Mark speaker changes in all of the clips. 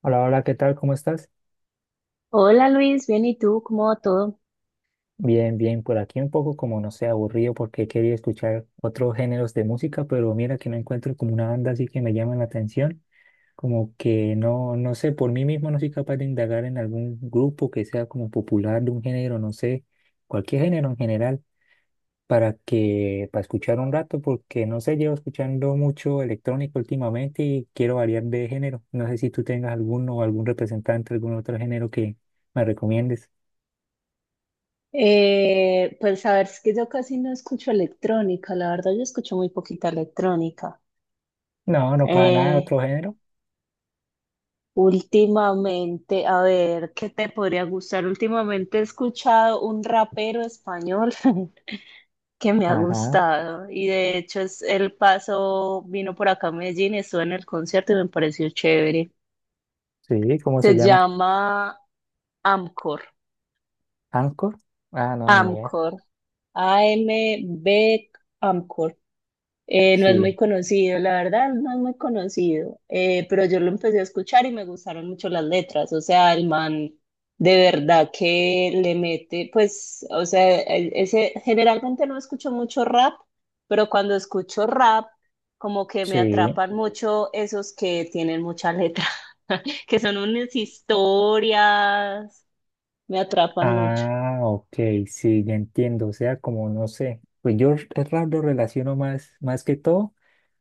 Speaker 1: Hola, hola, ¿qué tal? ¿Cómo estás?
Speaker 2: Hola Luis, bien, ¿y tú? ¿Cómo va todo?
Speaker 1: Bien, bien, por aquí un poco como no sé, aburrido porque quería escuchar otros géneros de música, pero mira que no encuentro como una banda así que me llama la atención, como que no, no sé, por mí mismo no soy capaz de indagar en algún grupo que sea como popular de un género, no sé, cualquier género en general, para que, para escuchar un rato, porque no sé, llevo escuchando mucho electrónico últimamente y quiero variar de género. No sé si tú tengas alguno o algún representante, algún otro género que me recomiendes.
Speaker 2: Pues a ver, es que yo casi no escucho electrónica, la verdad yo escucho muy poquita electrónica.
Speaker 1: No, no para nada,
Speaker 2: Eh,
Speaker 1: otro género.
Speaker 2: últimamente, a ver, ¿qué te podría gustar? Últimamente he escuchado un rapero español que me ha
Speaker 1: Ajá,
Speaker 2: gustado y de hecho es el paso, vino por acá a Medellín, estuve en el concierto y me pareció chévere.
Speaker 1: sí, ¿cómo se
Speaker 2: Se
Speaker 1: llama?
Speaker 2: llama Amcor,
Speaker 1: ¿Anchor? Ah, no, ni idea.
Speaker 2: Amcor, A-M-B Amcor. No es muy
Speaker 1: Sí,
Speaker 2: conocido, la verdad, no es muy conocido, pero yo lo empecé a escuchar y me gustaron mucho las letras, o sea, el man de verdad que le mete, pues, o sea, generalmente no escucho mucho rap, pero cuando escucho rap, como que me
Speaker 1: sí.
Speaker 2: atrapan mucho esos que tienen mucha letra, que son unas historias, me atrapan mucho.
Speaker 1: Ah, ok, sí, ya entiendo. O sea, como no sé. Pues es raro, lo relaciono más, más que todo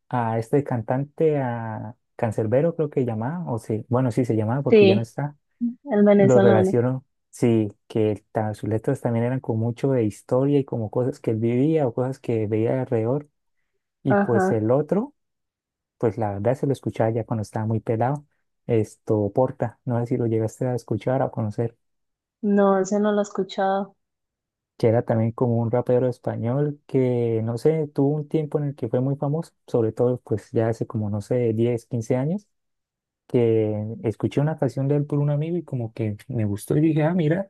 Speaker 1: a este cantante, a Canserbero, creo que llamaba, o sí, bueno, sí se llamaba porque ya no
Speaker 2: Sí,
Speaker 1: está.
Speaker 2: el
Speaker 1: Lo
Speaker 2: venezolano,
Speaker 1: relaciono, sí, sus letras también eran como mucho de historia y como cosas que él vivía o cosas que veía alrededor. Y pues
Speaker 2: ajá,
Speaker 1: el otro, pues la verdad se lo escuchaba ya cuando estaba muy pelado. Esto, Porta, no sé si lo llegaste a escuchar o a conocer,
Speaker 2: no, ese no lo he escuchado.
Speaker 1: que era también como un rapero español que, no sé, tuvo un tiempo en el que fue muy famoso, sobre todo pues ya hace como, no sé, 10 15 años, que escuché una canción de él por un amigo y como que me gustó y dije, ah, mira,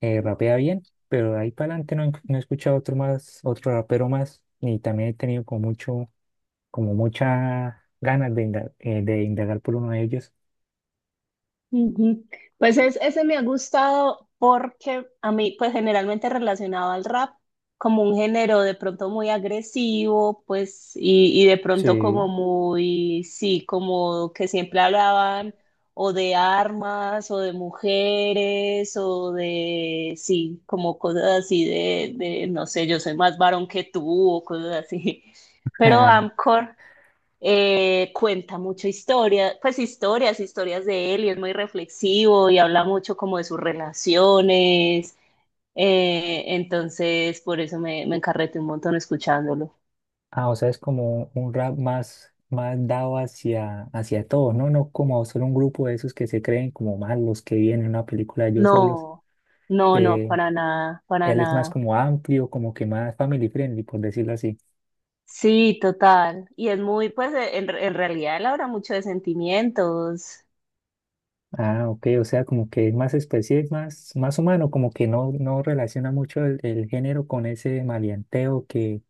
Speaker 1: rapea bien, pero de ahí para adelante no, no he escuchado otro más, otro rapero más, y también he tenido como mucho, como mucha ganas de indagar por uno de ellos.
Speaker 2: Ujú. Pues ese me ha gustado porque a mí, pues generalmente relacionado al rap, como un género de pronto muy agresivo, pues, y de pronto
Speaker 1: Sí.
Speaker 2: como muy, sí, como que siempre hablaban o de armas o de mujeres o de, sí, como cosas así de, no sé, yo soy más varón que tú o cosas así. Pero Amcor cuenta mucha historia, pues historias, historias de él y es muy reflexivo y habla mucho como de sus relaciones. Entonces, por eso me encarreté un montón escuchándolo.
Speaker 1: Ah, o sea, es como un rap más, más dado hacia, hacia todos, ¿no? No como solo un grupo de esos que se creen como malos, que vienen en una película de ellos solos,
Speaker 2: No, no, no,
Speaker 1: que
Speaker 2: para nada, para
Speaker 1: él es más
Speaker 2: nada.
Speaker 1: como amplio, como que más family friendly, por decirlo así.
Speaker 2: Sí, total. Y es muy, pues, en realidad él habla mucho de sentimientos.
Speaker 1: Ah, ok, o sea, como que es más especie, es más, más humano, como que no, no relaciona mucho el género con ese maleanteo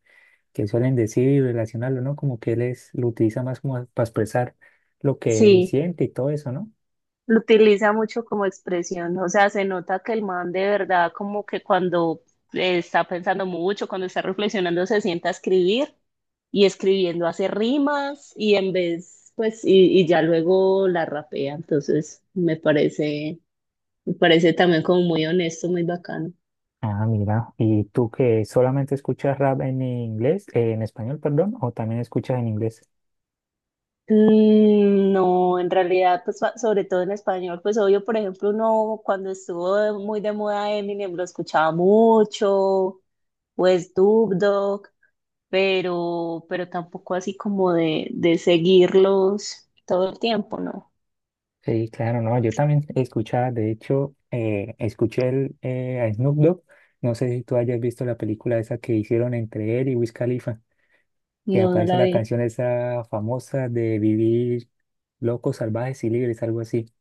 Speaker 1: que suelen decir y relacionarlo, ¿no? Como que él es, lo utiliza más como para expresar lo que él
Speaker 2: Sí.
Speaker 1: siente y todo eso, ¿no?
Speaker 2: Lo utiliza mucho como expresión, o sea, se nota que el man de verdad como que cuando está pensando mucho, cuando está reflexionando, se sienta a escribir y escribiendo hace rimas y en vez, pues, y ya luego la rapea, entonces me parece también como muy honesto, muy bacano.
Speaker 1: Ah, mira, ¿y tú que solamente escuchas rap en inglés, en español, perdón, o también escuchas en inglés?
Speaker 2: Mm, no, en realidad, pues sobre todo en español, pues obvio, por ejemplo, uno cuando estuvo muy de moda Eminem lo escuchaba mucho, pues Dubdo pero tampoco así como de seguirlos todo el tiempo, no,
Speaker 1: Sí, claro, no, yo también escuchaba, de hecho, escuché a Snoop Dogg, no sé si tú hayas visto la película esa que hicieron entre él y Wiz Khalifa, que
Speaker 2: no, no
Speaker 1: aparece
Speaker 2: la
Speaker 1: la
Speaker 2: vi.
Speaker 1: canción esa famosa de vivir locos, salvajes y libres, algo así,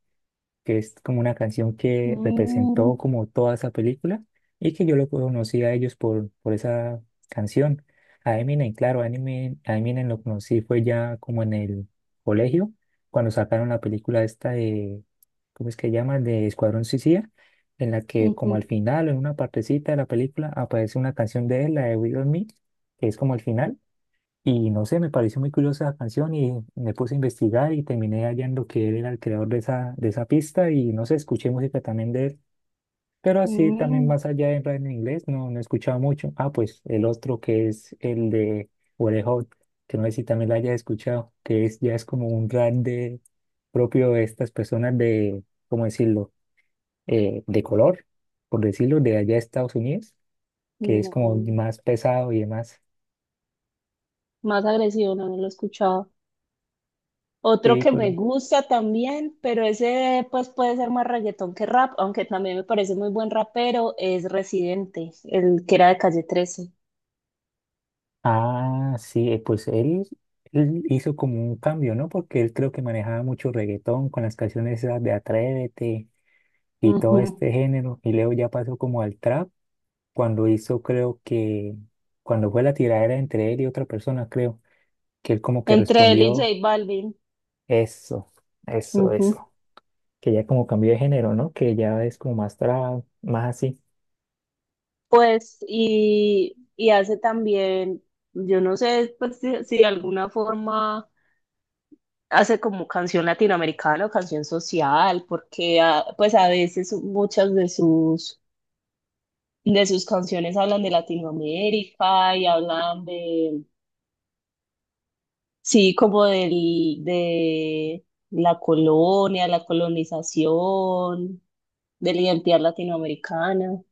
Speaker 1: que es como una canción que representó
Speaker 2: Mm,
Speaker 1: como toda esa película y que yo lo conocí a ellos por esa canción. A Eminem, claro, a Eminem lo conocí fue ya como en el colegio, cuando sacaron la película esta de, ¿cómo es que llama? De Escuadrón Suicida, en la que como al
Speaker 2: ujú,
Speaker 1: final, en una partecita de la película, aparece una canción de él, la de We On Me, que es como al final. Y no sé, me pareció muy curiosa la canción y me puse a investigar y terminé hallando que él era el creador de esa pista y no sé, escuché música también de él, pero así también
Speaker 2: mm,
Speaker 1: más allá de rap en inglés no, no he escuchado mucho. Ah, pues el otro que es el de Wally Hot, que no sé si también la haya escuchado, que es, ya es como un rap de, propio de estas personas de, ¿cómo decirlo? De color, por decirlo, de allá de Estados Unidos, que es como
Speaker 2: no.
Speaker 1: más pesado y demás.
Speaker 2: Más agresivo, no, no lo he escuchado. Otro
Speaker 1: Sí,
Speaker 2: que
Speaker 1: pues,
Speaker 2: me gusta también, pero ese pues puede ser más reggaetón que rap, aunque también me parece muy buen rapero, es Residente, el que era de Calle 13.
Speaker 1: ah, sí, pues él hizo como un cambio, ¿no? Porque él creo que manejaba mucho reggaetón con las canciones esas de Atrévete y todo
Speaker 2: Ujú.
Speaker 1: este género. Y luego ya pasó como al trap cuando hizo, creo que, cuando fue la tiradera entre él y otra persona, creo, que él como que
Speaker 2: Entre él y J
Speaker 1: respondió
Speaker 2: Balvin.
Speaker 1: eso, eso,
Speaker 2: Ujú.
Speaker 1: eso. Que ya como cambió de género, ¿no? Que ya es como más trap, más así.
Speaker 2: Pues, y hace también, yo no sé, pues si de alguna forma hace como canción latinoamericana o canción social, porque pues a veces muchas de sus canciones hablan de Latinoamérica y hablan de, sí, como del, de la colonia, la colonización, de la identidad latinoamericana.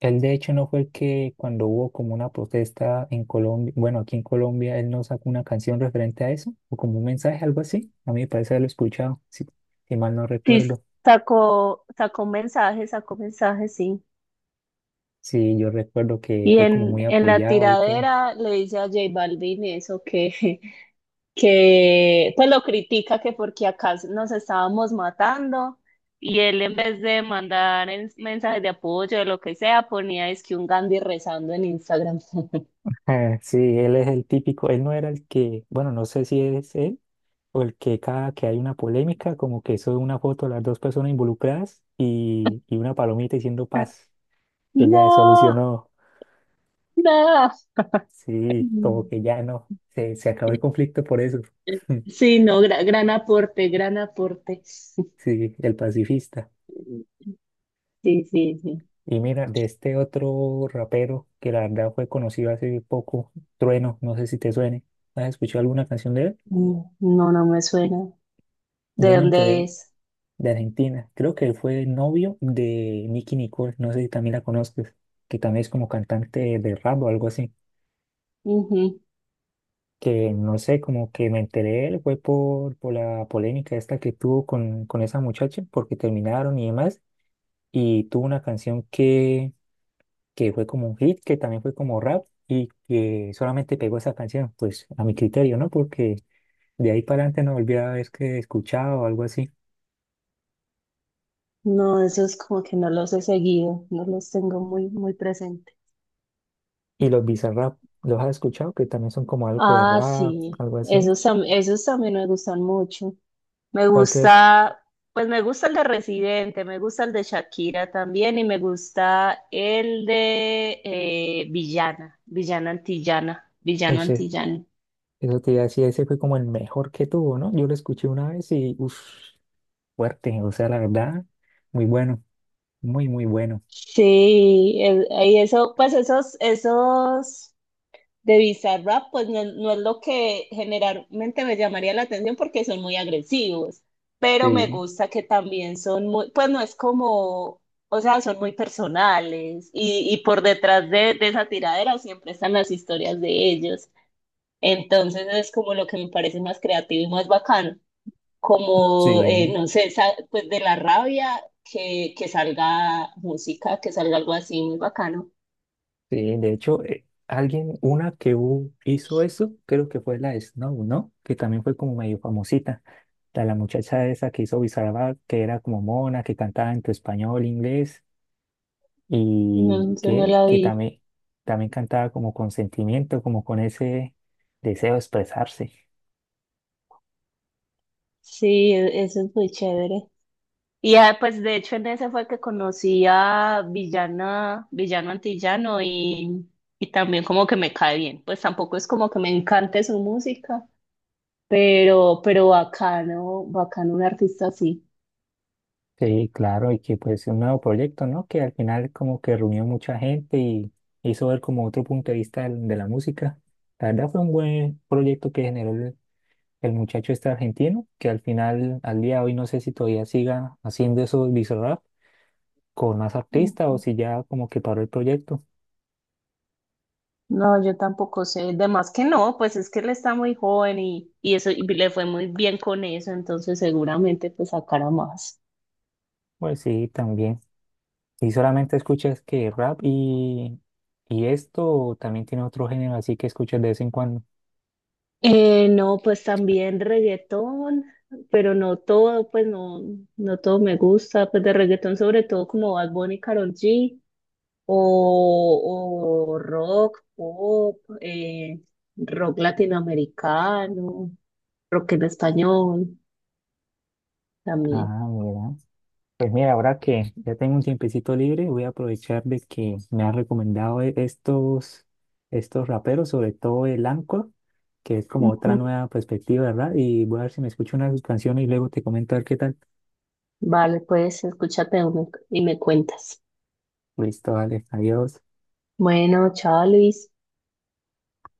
Speaker 1: Él de hecho no fue el que cuando hubo como una protesta en Colombia, bueno, aquí en Colombia, él no sacó una canción referente a eso, o como un mensaje, algo así. A mí me parece haberlo escuchado, si, si mal no
Speaker 2: Sí,
Speaker 1: recuerdo.
Speaker 2: sacó mensajes, sacó mensajes, sí.
Speaker 1: Sí, yo recuerdo que
Speaker 2: Y
Speaker 1: fue como muy
Speaker 2: en la
Speaker 1: apoyado y todo.
Speaker 2: tiradera le dice a J Balvin eso que, que pues lo critica que porque acá nos estábamos matando y él en vez de mandar mensajes de apoyo o lo que sea, ponía es que un Gandhi rezando en Instagram.
Speaker 1: Ah, sí, él es el típico, él no era el que, bueno, no sé si es él o el que cada que hay una polémica, como que sube una foto de las dos personas involucradas y una palomita diciendo paz, que ya se
Speaker 2: No,
Speaker 1: solucionó.
Speaker 2: no.
Speaker 1: Sí, como que ya no, se acabó el conflicto por eso.
Speaker 2: Sí, no, gran aporte, gran aporte.
Speaker 1: Sí, el pacifista.
Speaker 2: Sí, sí, sí.
Speaker 1: Y mira, de este otro rapero que la verdad fue conocido hace poco, Trueno, no sé si te suene. ¿Has escuchado alguna canción de él?
Speaker 2: Mm, no, no me suena.
Speaker 1: Yo
Speaker 2: ¿De
Speaker 1: me
Speaker 2: dónde
Speaker 1: enteré
Speaker 2: es?
Speaker 1: de Argentina. Creo que él fue novio de Nicki Nicole, no sé si también la conozcas, que también es como cantante de rap o algo así. Que no sé, como que me enteré de él fue por la polémica esta que tuvo con esa muchacha, porque terminaron y demás, y tuvo una canción que fue como un hit, que también fue como rap y que solamente pegó esa canción, pues a mi criterio, ¿no? Porque de ahí para adelante no volví a ver que escuchaba o algo así.
Speaker 2: No, esos como que no los he seguido, no los tengo muy, muy presente.
Speaker 1: Y los Bizarrap, ¿los has escuchado? Que también son como algo de
Speaker 2: Ah,
Speaker 1: rap,
Speaker 2: sí,
Speaker 1: algo así.
Speaker 2: esos, esos también me gustan mucho. Me
Speaker 1: ¿Cuál crees?
Speaker 2: gusta, pues me gusta el de Residente, me gusta el de Shakira también y me gusta el de Villana, Villana Antillana, Villano
Speaker 1: Usted,
Speaker 2: Antillano.
Speaker 1: eso te iba a decir, ese fue como el mejor que tuvo, ¿no? Yo lo escuché una vez y, uff, fuerte, o sea, la verdad, muy bueno, muy, muy bueno.
Speaker 2: Sí, y eso, pues esos, esos. De Bizarrap, pues no, no es lo que generalmente me llamaría la atención porque son muy agresivos, pero me
Speaker 1: Sí,
Speaker 2: gusta que también son muy, pues no es como, o sea, son muy personales y por detrás de esa tiradera siempre están las historias de ellos. Entonces es como lo que me parece más creativo y más bacano, como,
Speaker 1: sí.
Speaker 2: no sé, pues de la rabia que salga música, que salga algo así muy bacano.
Speaker 1: Sí, de hecho, alguien, una hizo eso, creo que fue la Snow, ¿no? Que también fue como medio famosita. La muchacha esa que hizo Bizarrap, que era como mona, que cantaba entre español, e inglés,
Speaker 2: No, yo no la
Speaker 1: que
Speaker 2: vi.
Speaker 1: también, también cantaba como con sentimiento, como con ese deseo de expresarse.
Speaker 2: Sí, eso es muy chévere. Y pues de hecho en ese fue que conocí a Villana, Villano Antillano y también como que me cae bien. Pues tampoco es como que me encante su música, pero bacano, bacano un artista así.
Speaker 1: Sí, claro, y que pues un nuevo proyecto, ¿no? Que al final como que reunió mucha gente y hizo ver como otro punto de vista de la música. La verdad fue un buen proyecto que generó el muchacho este argentino, que al final, al día de hoy, no sé si todavía siga haciendo esos visorrap con más artistas
Speaker 2: Mm.
Speaker 1: o si ya como que paró el proyecto.
Speaker 2: No, yo tampoco sé. De más que no, pues es que él está muy joven y eso y le fue muy bien con eso, entonces seguramente pues sacará más.
Speaker 1: Pues sí, también. Y solamente escuchas que rap y esto, o también tiene otro género así que escuchas de vez en cuando.
Speaker 2: No, pues también reggaetón, pero no todo, pues no, no todo me gusta, pues de reggaetón sobre todo como Bad Bunny y Karol G, o, o rock, pop, rock latinoamericano, rock en español también.
Speaker 1: Ah, mira. Pues mira, ahora que ya tengo un tiempecito libre, voy a aprovechar de que me han recomendado estos, estos raperos, sobre todo el Anchor, que es como
Speaker 2: Ujú.
Speaker 1: otra nueva perspectiva, ¿verdad? Y voy a ver si me escucho una de sus canciones y luego te comento a ver qué tal.
Speaker 2: Vale, pues escúchate uno y me cuentas.
Speaker 1: Listo, vale, adiós.
Speaker 2: Bueno, chao Luis.